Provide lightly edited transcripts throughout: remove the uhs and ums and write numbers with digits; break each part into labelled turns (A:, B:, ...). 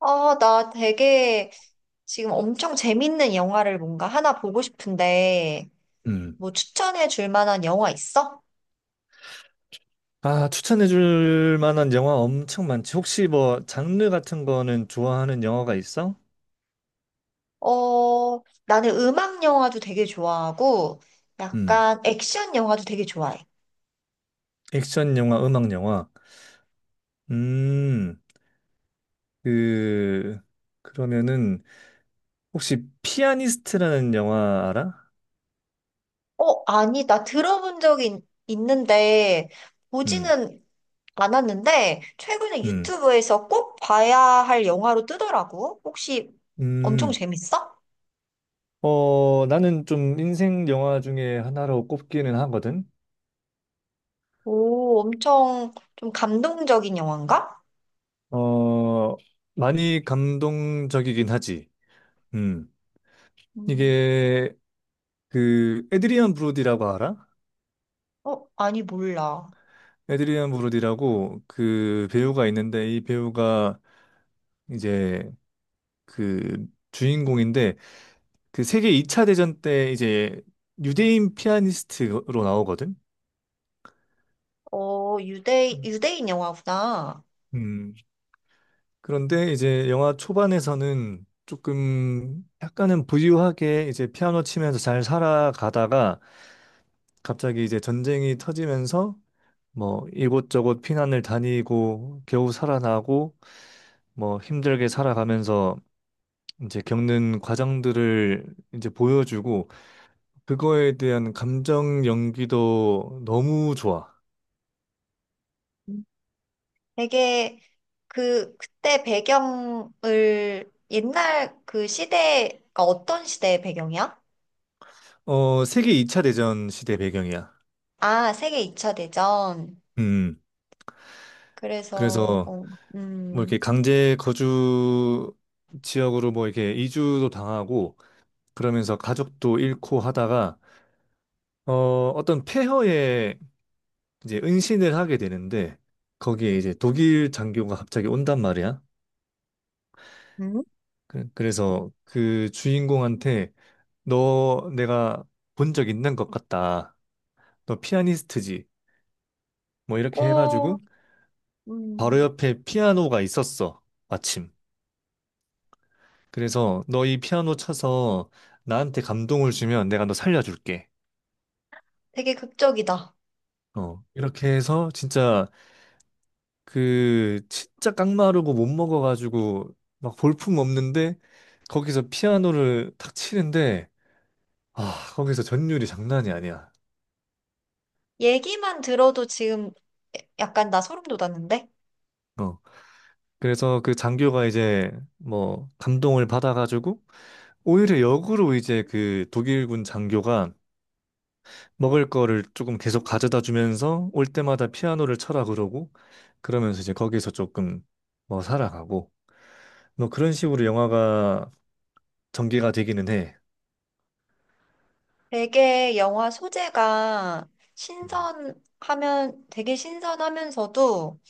A: 아, 나 되게 지금 엄청 재밌는 영화를 뭔가 하나 보고 싶은데,
B: 음.
A: 뭐 추천해 줄 만한 영화 있어?
B: 아, 추천해 줄 만한 영화 엄청 많지. 혹시 뭐 장르 같은 거는 좋아하는 영화가 있어?
A: 어, 나는 음악 영화도 되게 좋아하고,
B: 음.
A: 약간 액션 영화도 되게 좋아해.
B: 액션 영화, 음악 영화. 음. 그 그러면은 혹시 피아니스트라는 영화 알아?
A: 어, 아니, 나 들어본 적이 있는데,
B: 음.
A: 보지는 않았는데, 최근에
B: 음.
A: 유튜브에서 꼭 봐야 할 영화로 뜨더라고. 혹시 엄청
B: 음.
A: 재밌어?
B: 어, 나는 좀 인생 영화 중에 하나로 꼽기는 하거든.
A: 오, 엄청 좀 감동적인 영화인가?
B: 어, 많이 감동적이긴 하지. 음.
A: 음.
B: 이게 그 에드리안 브로디라고 알아?
A: 어, 아니, 몰라.
B: 에드리안 브로디라고 그 배우가 있는데 이 배우가 이제 그 주인공인데 그 세계 2차 대전 때 이제 유대인 피아니스트로 나오거든.
A: 어, 유대인 영화구나.
B: 음. 그런데 이제 영화 초반에서는 조금 약간은 부유하게 이제 피아노 치면서 잘 살아가다가 갑자기 이제 전쟁이 터지면서 뭐 이곳저곳 피난을 다니고 겨우 살아나고 뭐 힘들게 살아가면서 이제 겪는 과정들을 이제 보여주고 그거에 대한 감정 연기도 너무 좋아.
A: 음. 되게 그때 배경을 옛날 그 시대가 어떤 시대의 배경이야?
B: 어, 세계 2차 대전 시대 배경이야.
A: 아, 세계 2차 대전.
B: 음. 음.
A: 그래서,
B: 그래서
A: 어,
B: 뭐 이렇게
A: 음,
B: 강제 거주 지역으로 뭐 이렇게 이주도 당하고 그러면서 가족도 잃고 하다가 어, 어떤 폐허에 이제 은신을 하게 되는데 거기에 이제 독일 장교가 갑자기 온단 말이야.
A: 음?
B: 그래서 그 주인공한테 너 내가 본 적 있는 것 같다. 너 피아니스트지? 뭐 이렇게
A: 오,
B: 해가지고 바로
A: 음,
B: 옆에 피아노가 있었어. 마침. 그래서 너 이 피아노 쳐서 나한테 감동을 주면 내가 너 살려줄게.
A: 되게 극적이다.
B: 어. 이렇게 해서 진짜 그 진짜 깡마르고 못 먹어가지고 막 볼품 없는데 거기서 피아노를 탁 치는데 아 거기서 전율이 장난이 아니야.
A: 얘기만 들어도 지금 약간 나 소름 돋았는데?
B: 어. 그래서 그 장교가 이제 뭐 감동을 받아가지고 오히려 역으로 이제 그 독일군 장교가 먹을 거를 조금 계속 가져다 주면서 올 때마다 피아노를 쳐라 그러고 그러면서 이제 거기서 조금 뭐 살아가고 뭐 그런 식으로 영화가 전개가 되기는 해.
A: 되게 영화 소재가
B: 음.
A: 되게 신선하면서도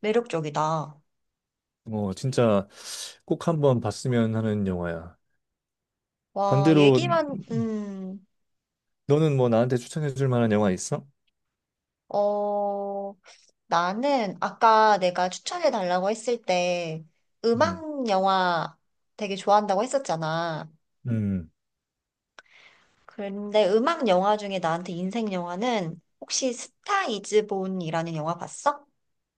A: 매력적이다.
B: 뭐 진짜 꼭 한번 봤으면 하는 영화야.
A: 와,
B: 반대로
A: 얘기만,
B: 너는 뭐 나한테 추천해 줄 만한 영화 있어?
A: 어, 나는 아까 내가 추천해 달라고 했을 때
B: 음.
A: 음악 영화 되게 좋아한다고 했었잖아.
B: 음.
A: 그런데 음악 영화 중에 나한테 인생 영화는 혹시 스타 이즈 본이라는 영화 봤어?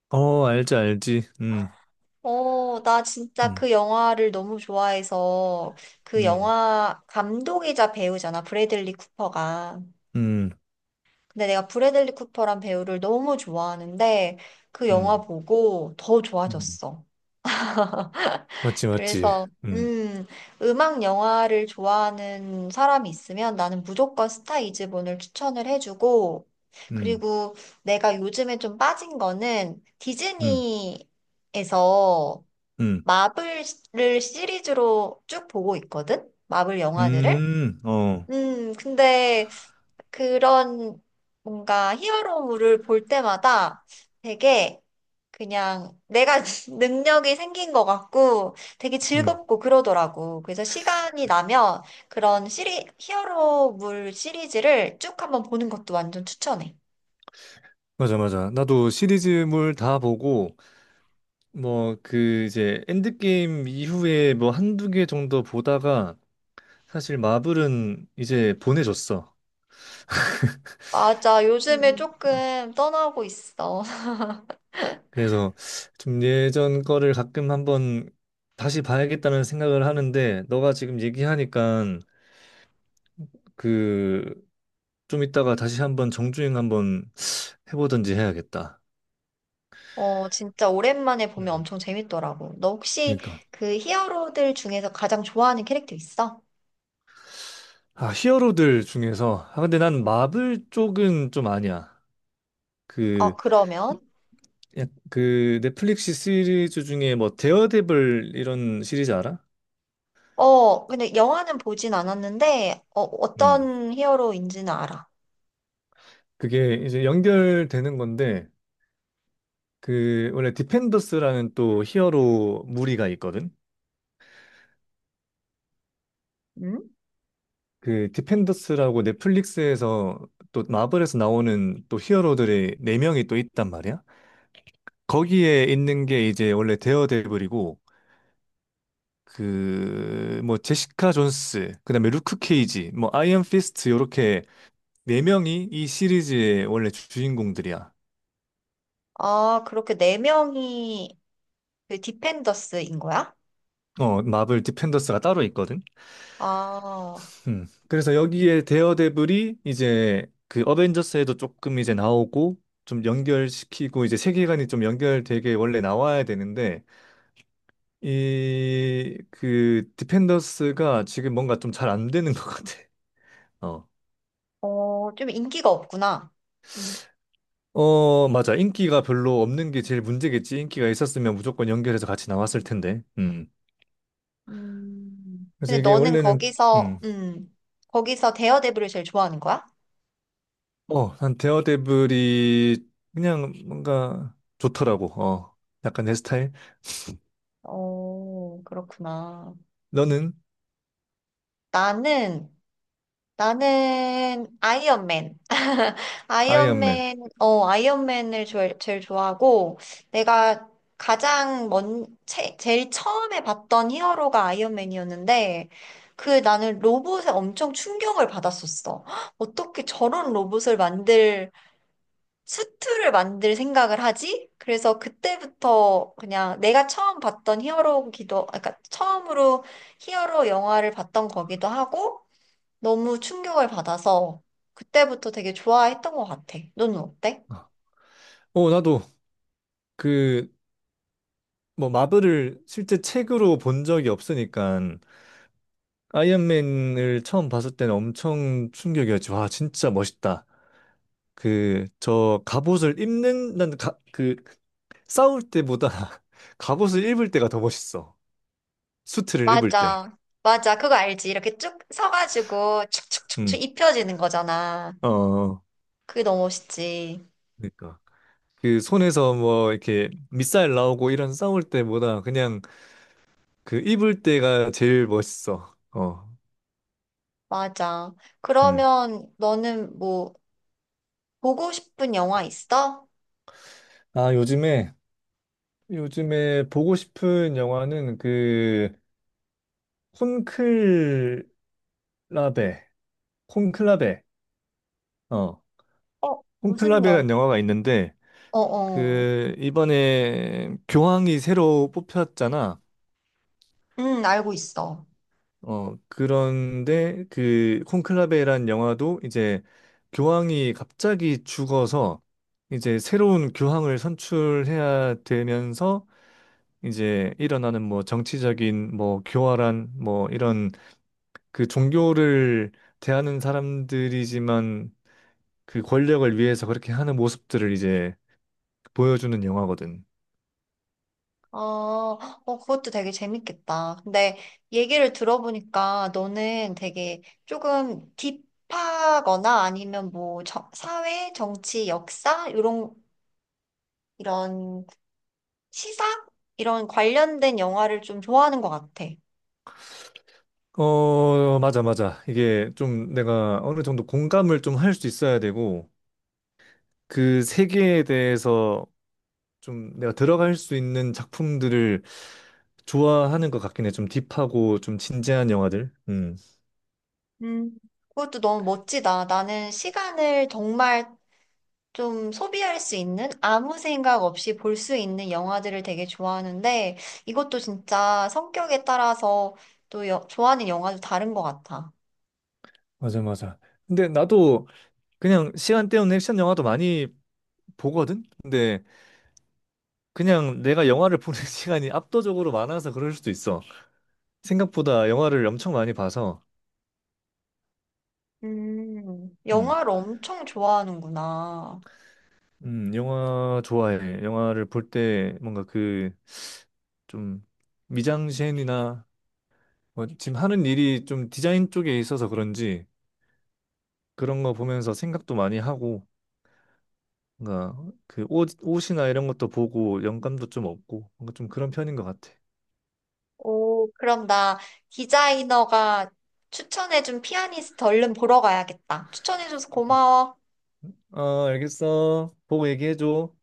B: 어, 알지 알지. 음.
A: 어, 나 진짜
B: 음.
A: 그 영화를 너무 좋아해서 그
B: 음.
A: 영화 감독이자 배우잖아, 브래들리 쿠퍼가.
B: 음.
A: 근데 내가 브래들리 쿠퍼란 배우를 너무 좋아하는데 그 영화
B: 음.
A: 보고 더
B: 음.
A: 좋아졌어.
B: 맞지 맞지.
A: 그래서
B: 음.
A: 음, 음악 영화를 좋아하는 사람이 있으면 나는 무조건 스타 이즈본을 추천을 해주고,
B: 음.
A: 그리고 내가 요즘에 좀 빠진 거는
B: 음.
A: 디즈니에서
B: 음,
A: 마블을 시리즈로 쭉 보고 있거든? 마블 영화들을?
B: 어,
A: 근데 그런 뭔가 히어로물을 볼 때마다 되게 그냥 내가 능력이 생긴 것 같고 되게
B: 음,
A: 즐겁고 그러더라고. 그래서 시간이 나면 히어로물 시리즈를 쭉 한번 보는 것도 완전 추천해.
B: 맞아, 맞아. 나도 시리즈물 다 보고, 뭐, 그, 이제, 엔드게임 이후에 뭐 한두 개 정도 보다가, 사실 마블은 이제 보내줬어.
A: 맞아. 요즘에 조금 떠나고 있어.
B: 그래서 좀 예전 거를 가끔 한번 다시 봐야겠다는 생각을 하는데, 너가 지금 얘기하니까, 그, 좀 이따가 다시 한번 정주행 한번 해보든지 해야겠다.
A: 어, 진짜 오랜만에 보면
B: 음,
A: 엄청 재밌더라고. 너 혹시
B: 그러니까.
A: 그 히어로들 중에서 가장 좋아하는 캐릭터 있어?
B: 아, 히어로들 중에서. 아, 근데 난 마블 쪽은 좀 아니야.
A: 어,
B: 그,
A: 그러면?
B: 그 넷플릭스 시리즈 중에 뭐 데어데블 이런 시리즈 알아?
A: 어, 근데 영화는 보진 않았는데, 어,
B: 음.
A: 어떤 히어로인지는 알아.
B: 그게 이제 연결되는 건데, 그, 원래 디펜더스라는 또 히어로 무리가 있거든?
A: 응?
B: 그 디펜더스라고 넷플릭스에서 또 마블에서 나오는 또 히어로들이 네명이또 있단 말이야. 거기에 있는 게 이제 원래 데어데블이고, 그 뭐 제시카 존스, 그다음에 루크 케이지, 뭐 아이언 피스트 요렇게 네 명이 이 시리즈의 원래 주인공들이야.
A: 아, 그렇게 네 명이 그 디펜더스인 거야?
B: 어, 마블 디펜더스가 따로 있거든.
A: 아,
B: 음. 그래서 여기에 데어데블이 이제 그 어벤져스에도 조금 이제 나오고 좀 연결시키고 이제 세계관이 좀 연결되게 원래 나와야 되는데 이 그 디펜더스가 지금 뭔가 좀 잘 안 되는 것 같아. 어.
A: 어, 좀 인기가 없구나.
B: 어, 맞아. 인기가 별로 없는 게 제일 문제겠지. 인기가 있었으면 무조건 연결해서 같이 나왔을 텐데. 음. 그래서
A: 근데
B: 이게
A: 너는
B: 원래는,
A: 거기서,
B: 음,
A: 거기서 데어데블을 제일 좋아하는 거야?
B: 어, 한 데어데블이 그냥 뭔가 좋더라고. 어, 약간 내 스타일.
A: 어, 그렇구나.
B: 너는
A: 나는 나는 아이언맨.
B: 아이언맨.
A: 아이언맨, 어, 아이언맨을 제 제일 좋아하고, 내가 제일 처음에 봤던 히어로가 아이언맨이었는데, 그 나는 로봇에 엄청 충격을 받았었어. 헉, 어떻게 저런 로봇을 만들, 수트를 만들 생각을 하지? 그래서 그때부터 그냥 내가 처음 봤던 히어로기도, 아, 그러니까 처음으로 히어로 영화를 봤던 거기도 하고, 너무 충격을 받아서 그때부터 되게 좋아했던 것 같아. 너는 어때?
B: 어, 어, 나도 그, 뭐, 마블을 실제 책으로 본 적이 없으니까 아이언맨을 처음 봤을 때는 엄청 충격이었지. 와, 진짜 멋있다. 그 저 갑옷을 입는 난 가, 그 싸울 때보다 갑옷을 입을 때가 더 멋있어. 수트를 입을 때.
A: 맞아. 맞아. 그거 알지? 이렇게 쭉 서가지고 축축축축
B: 음.
A: 입혀지는 거잖아.
B: 어.
A: 그게 너무 멋있지.
B: 그러니까 그 손에서 뭐 이렇게 밑살 나오고 이런 싸울 때보다 그냥 그 입을 때가 제일 멋있어. 어.
A: 맞아.
B: 음.
A: 그러면 너는 뭐 보고 싶은 영화 있어?
B: 아, 요즘에 보고 싶은 영화는 그 콘클라베 콘클라베 어
A: 어, 무슨 영화?
B: 콘클라베라는 영화가 있는데
A: 어어.
B: 그 이번에 교황이 새로 뽑혔잖아.
A: 응, 알고 있어.
B: 어, 그런데 그 콘클라베란 영화도 이제 교황이 갑자기 죽어서 이제 새로운 교황을 선출해야 되면서 이제 일어나는 뭐 정치적인 뭐 교활한 뭐 이런 그 종교를 대하는 사람들이지만 그 권력을 위해서 그렇게 하는 모습들을 이제 보여주는 영화거든.
A: 어, 어, 그것도 되게 재밌겠다. 근데 얘기를 들어보니까 너는 되게 조금 딥하거나 아니면 뭐 저- 사회, 정치, 역사 이런 시사 이런 관련된 영화를 좀 좋아하는 것 같아.
B: 어, 맞아, 맞아. 이게 좀 내가 어느 정도 공감을 좀 할 수 있어야 되고, 그 세계에 대해서 좀 내가 들어갈 수 있는 작품들을 좋아하는 것 같긴 해. 좀 딥하고 좀 진지한 영화들.
A: 음, 그것도 너무 멋지다. 나는 시간을 정말 좀 소비할 수 있는 아무 생각 없이 볼 수 있는 영화들을 되게 좋아하는데 이것도 진짜 성격에 따라서 또 여- 좋아하는 영화도 다른 것 같아.
B: 맞아, 맞아. 근데 나도 그냥 시간 때우는 액션 영화도 많이 보거든? 근데 그냥 내가 영화를 보는 시간이 압도적으로 많아서 그럴 수도 있어. 생각보다 영화를 엄청 많이 봐서. 음.
A: 영화를 엄청 좋아하는구나.
B: 영화 좋아해. 영화를 볼 때 뭔가 그 좀 미장센이나 뭐 지금 하는 일이 좀 디자인 쪽에 있어서 그런지 그런 거 보면서 생각도 많이 하고 뭔가 그 옷, 옷이나 이런 것도 보고 영감도 좀 없고 뭔가 좀 그런 편인 것 같아.
A: 오, 그럼 나 디자이너가 추천해준 피아니스트 얼른 보러 가야겠다. 추천해줘서
B: 음.
A: 고마워.
B: 어, 알겠어. 보고 얘기해줘.